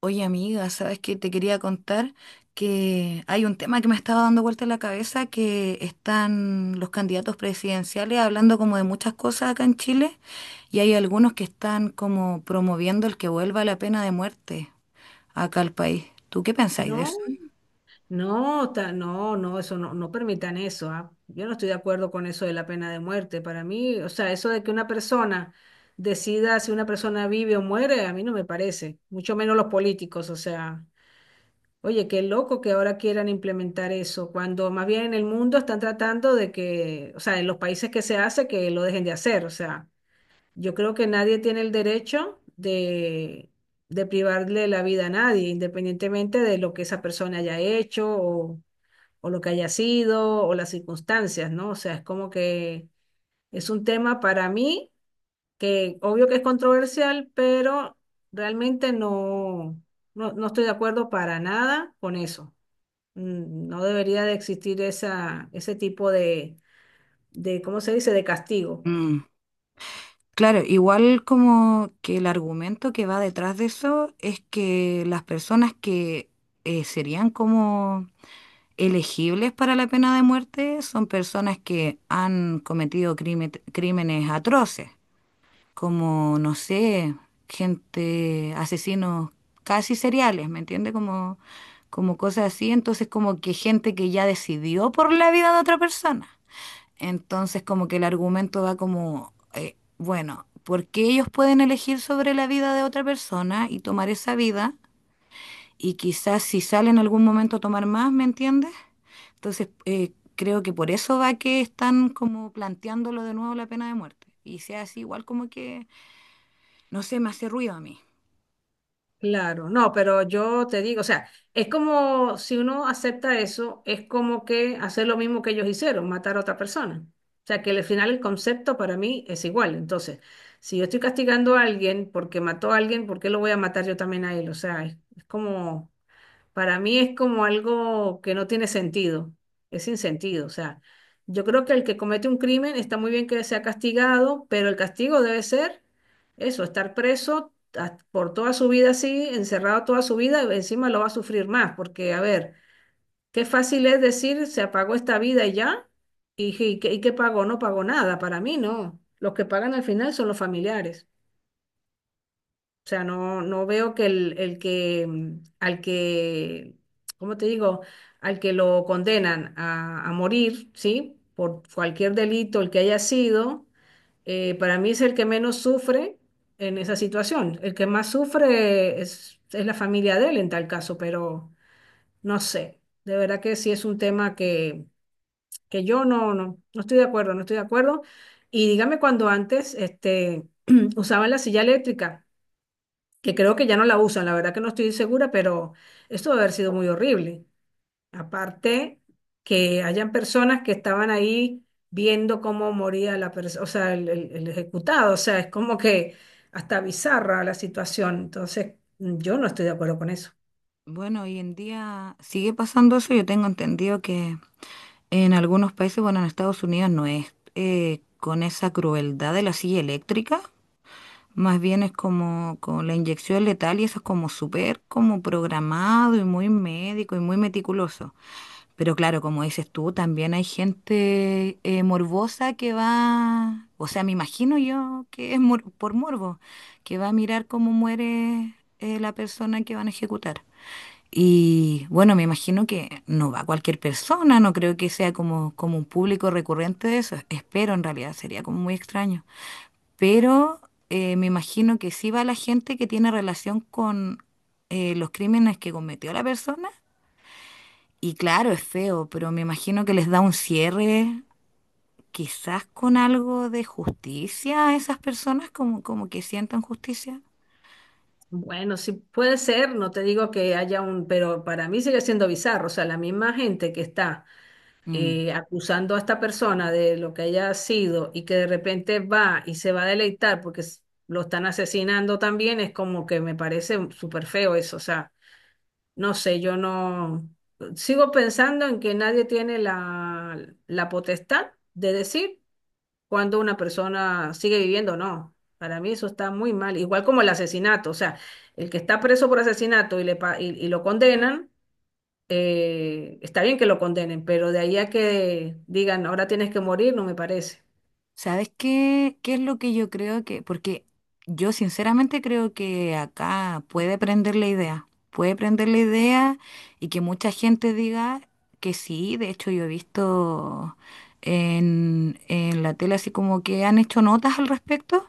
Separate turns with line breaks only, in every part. Oye, amiga, ¿sabes? Que Te quería contar que hay un tema que me estaba dando vuelta en la cabeza, que están los candidatos presidenciales hablando como de muchas cosas acá en Chile, y hay algunos que están como promoviendo el que vuelva la pena de muerte acá al país. ¿Tú qué pensáis de
No,
eso?
no, eso no permitan eso, ¿ah? Yo no estoy de acuerdo con eso de la pena de muerte. Para mí, o sea, eso de que una persona decida si una persona vive o muere, a mí no me parece, mucho menos los políticos, o sea, oye, qué loco que ahora quieran implementar eso, cuando más bien en el mundo están tratando de que, o sea, en los países que se hace, que lo dejen de hacer, o sea. Yo creo que nadie tiene el derecho de privarle la vida a nadie, independientemente de lo que esa persona haya hecho o lo que haya sido o las circunstancias, ¿no? O sea, es como que es un tema para mí que obvio que es controversial, pero realmente no estoy de acuerdo para nada con eso. Mm, no debería de existir esa, ese tipo de, ¿cómo se dice?, de castigo.
Mm, claro, igual como que el argumento que va detrás de eso es que las personas que serían como elegibles para la pena de muerte son personas que han cometido crímenes atroces, como, no sé, gente, asesinos casi seriales, ¿me entiende? Como, como cosas así, entonces como que gente que ya decidió por la vida de otra persona. Entonces como que el argumento va como, bueno, porque ellos pueden elegir sobre la vida de otra persona y tomar esa vida. Y quizás si sale en algún momento a tomar más, ¿me entiendes? Entonces, creo que por eso va que están como planteándolo de nuevo la pena de muerte. Y sea así, igual como que, no sé, me hace ruido a mí.
Claro, no, pero yo te digo, o sea, es como si uno acepta eso, es como que hacer lo mismo que ellos hicieron, matar a otra persona. O sea, que al final el concepto para mí es igual. Entonces, si yo estoy castigando a alguien porque mató a alguien, ¿por qué lo voy a matar yo también a él? O sea, es como… Para mí es como algo que no tiene sentido, es sin sentido. O sea, yo creo que el que comete un crimen está muy bien que sea castigado, pero el castigo debe ser eso, estar por toda su vida así, encerrado toda su vida, y encima lo va a sufrir más, porque a ver, qué fácil es decir se apagó esta vida y ya, y qué pagó, no pagó nada, para mí no. Los que pagan al final son los familiares. O sea, no, no veo que el que al que, ¿cómo te digo? Al que lo condenan a morir, ¿sí? Por cualquier delito, el que haya sido, para mí es el que menos sufre en esa situación. El que más sufre es la familia de él en tal caso, pero no sé. De verdad que sí es un tema que yo no, no estoy de acuerdo, no estoy de acuerdo. Y dígame cuando antes este, usaban la silla eléctrica que creo que ya no la usan, la verdad que no estoy segura, pero esto debe haber sido muy horrible. Aparte que hayan personas que estaban ahí viendo cómo moría la persona, o sea, el ejecutado, o sea, es como que hasta bizarra la situación. Entonces, yo no estoy de acuerdo con eso.
Bueno, hoy en día sigue pasando eso. Yo tengo entendido que en algunos países, bueno, en Estados Unidos no es con esa crueldad de la silla eléctrica. Más bien es como con la inyección letal, y eso es como súper como programado y muy médico y muy meticuloso. Pero claro, como dices tú, también hay gente morbosa que va, o sea, me imagino yo que es por morbo, que va a mirar cómo muere la persona que van a ejecutar. Y bueno, me imagino que no va cualquier persona, no creo que sea como como un público recurrente de eso, espero en realidad, sería como muy extraño. Pero me imagino que sí va la gente que tiene relación con los crímenes que cometió la persona, y claro, es feo, pero me imagino que les da un cierre, quizás con algo de justicia a esas personas, como como que sientan justicia.
Bueno, sí puede ser, no te digo que haya un, pero para mí sigue siendo bizarro, o sea, la misma gente que está
Mm.
acusando a esta persona de lo que haya sido y que de repente va y se va a deleitar lo están asesinando también, es como que me parece súper feo eso. O sea, no sé, yo no sigo pensando en que nadie tiene la, la potestad de decir cuando una persona sigue viviendo o no. Para mí eso está muy mal, igual como el asesinato, o sea, el que está preso por asesinato y, le, pa- y lo condenan, está bien que lo condenen, pero de ahí a que digan, ahora tienes que morir, no me parece.
¿Sabes qué, qué es lo que yo creo? Que, porque yo sinceramente creo que acá puede prender la idea, puede prender la idea, y que mucha gente diga que sí. De hecho, yo he visto en la tele así como que han hecho notas al respecto,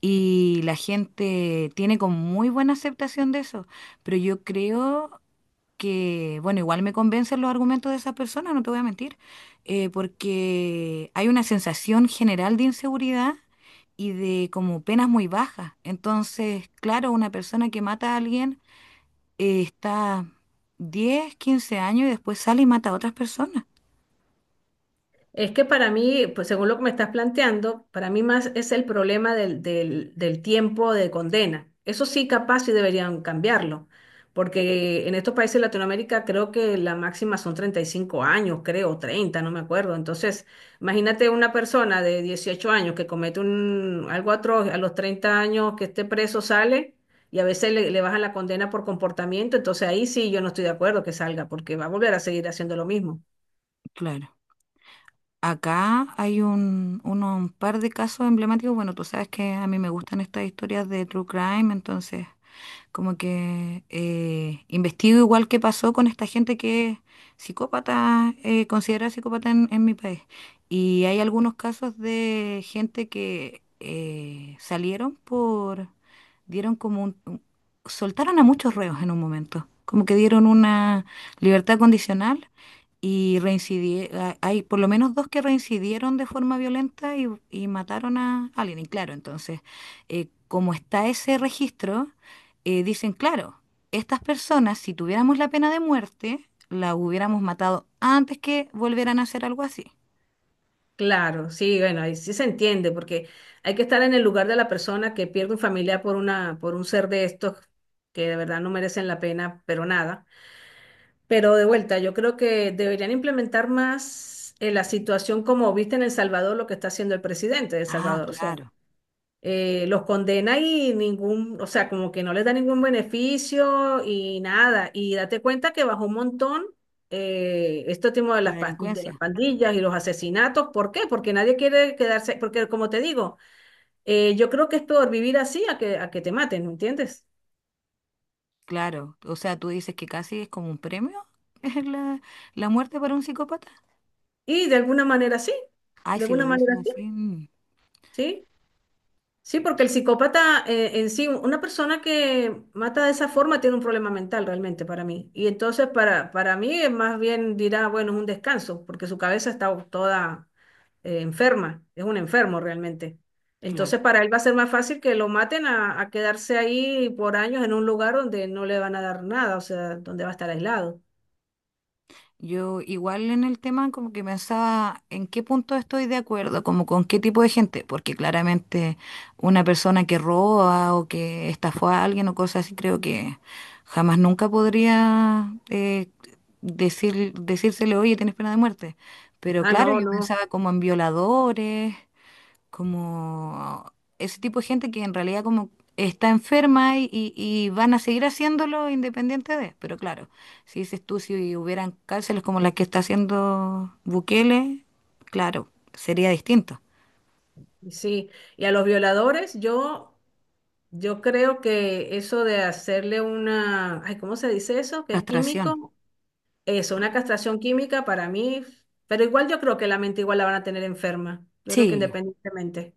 y la gente tiene como muy buena aceptación de eso. Pero yo creo que, bueno, igual me convencen los argumentos de esas personas, no te voy a mentir, porque hay una sensación general de inseguridad y de como penas muy bajas. Entonces, claro, una persona que mata a alguien está 10, 15 años y después sale y mata a otras personas.
Es que para mí, pues según lo que me estás planteando, para mí más es el problema del, del tiempo de condena. Eso sí, capaz sí deberían cambiarlo, porque en estos países de Latinoamérica creo que la máxima son 35 años, creo, 30, no me acuerdo. Entonces, imagínate una persona de 18 años que comete un, algo atroz, a los 30 años que esté preso sale y a veces le, le bajan la condena por comportamiento. Entonces ahí sí yo no estoy de acuerdo que salga, porque va a volver a seguir haciendo lo mismo.
Claro. Acá hay un uno- un par de casos emblemáticos. Bueno, tú sabes que a mí me gustan estas historias de true crime, entonces como que investigo igual qué pasó con esta gente que es psicópata, considerada psicópata en mi país. Y hay algunos casos de gente que salieron por, dieron como soltaron a muchos reos en un momento, como que dieron una libertad condicional y reincidieron. Hay por lo menos dos que reincidieron de forma violenta y mataron a alguien. Y claro, entonces, como está ese registro, dicen, claro, estas personas, si tuviéramos la pena de muerte, la hubiéramos matado antes que volvieran a hacer algo así.
Claro, sí, bueno, ahí sí se entiende, porque hay que estar en el lugar de la persona que pierde un familiar por una, por un ser de estos que de verdad no merecen la pena, pero nada. Pero de vuelta, yo creo que deberían implementar más la situación como viste en El Salvador, lo que está haciendo el presidente de El
Ah,
Salvador. O sea,
claro,
los condena y ningún, o sea, como que no les da ningún beneficio y nada. Y date cuenta que bajó un montón este tema de
la
las, de las
delincuencia,
pandillas y los asesinatos. ¿Por qué? Porque nadie quiere quedarse, porque como te digo, yo creo que es peor vivir así a que te maten, ¿me entiendes?
claro. O sea, tú dices que casi es como un premio la, la muerte para un psicópata.
Y de alguna manera sí,
Ay,
de
si lo
alguna
dices
manera sí,
así, mm,
¿sí? Sí, porque el psicópata en sí, una persona que mata de esa forma tiene un problema mental realmente para mí. Y entonces para mí es más bien dirá, bueno, es un descanso, porque su cabeza está toda enferma, es un enfermo realmente.
claro.
Entonces para él va a ser más fácil que lo maten a quedarse ahí por años en un lugar donde no le van a dar nada, o sea, donde va a estar aislado.
Yo igual en el tema como que pensaba en qué punto estoy de acuerdo, como con qué tipo de gente, porque claramente una persona que roba o que estafó a alguien o cosas así, creo que jamás nunca podría decir, decírsele, oye, tienes pena de muerte. Pero
Ah,
claro,
no,
yo
no.
pensaba como en violadores, como ese tipo de gente que en realidad como está enferma y y van a seguir haciéndolo independiente de. Pero claro, si dices tú, si hubieran cárceles como las que está haciendo Bukele, claro, sería distinto.
Y sí, y a los violadores, yo creo que eso de hacerle una, ay, ¿cómo se dice eso? Que es
Castración.
químico, eso, una castración química para mí, pero igual yo creo que la mente igual la van a tener enferma. Yo creo que
Sí,
independientemente,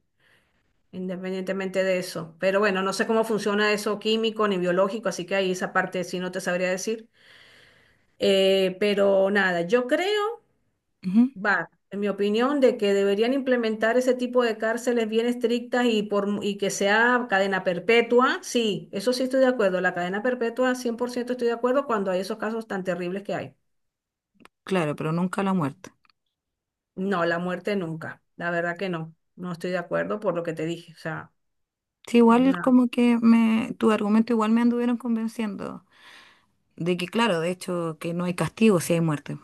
independientemente de eso. Pero bueno, no sé cómo funciona eso químico ni biológico, así que ahí esa parte sí no te sabría decir. Pero nada, yo creo.
ujú,
Va, en mi opinión, de que deberían implementar ese tipo de cárceles bien estrictas y que sea cadena perpetua, sí, eso sí estoy de acuerdo. La cadena perpetua, 100% estoy de acuerdo cuando hay esos casos tan terribles que hay.
claro, pero nunca la muerte.
No, la muerte nunca, la verdad que no, no estoy de acuerdo por lo que te dije. O sea,
Sí, igual
no.
como que me, tu argumento igual me anduvieron convenciendo de que, claro, de hecho, que no hay castigo si hay muerte.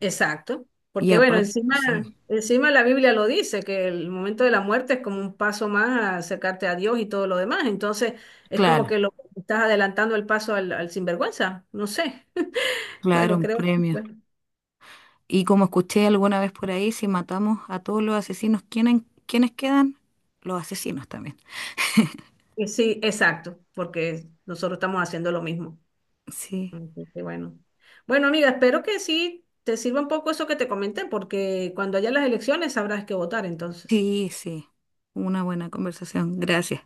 Exacto,
Y
porque bueno,
aparte,
encima,
sí,
encima la Biblia lo dice, que el momento de la muerte es como un paso más a acercarte a Dios y todo lo demás, entonces es como
claro,
que lo estás adelantando el paso al, al sinvergüenza, no sé,
claro,
bueno,
un
creo que
premio.
bueno,
Y como escuché alguna vez por ahí, si matamos a todos los asesinos, ¿quiénes quiénes quedan? Los asesinos también.
que sí, exacto, porque nosotros estamos haciendo lo mismo.
Sí,
Así que bueno. Bueno, amiga, espero que sí te sirva un poco eso que te comenté, porque cuando haya las elecciones sabrás qué votar entonces.
sí, sí. Una buena conversación. Gracias.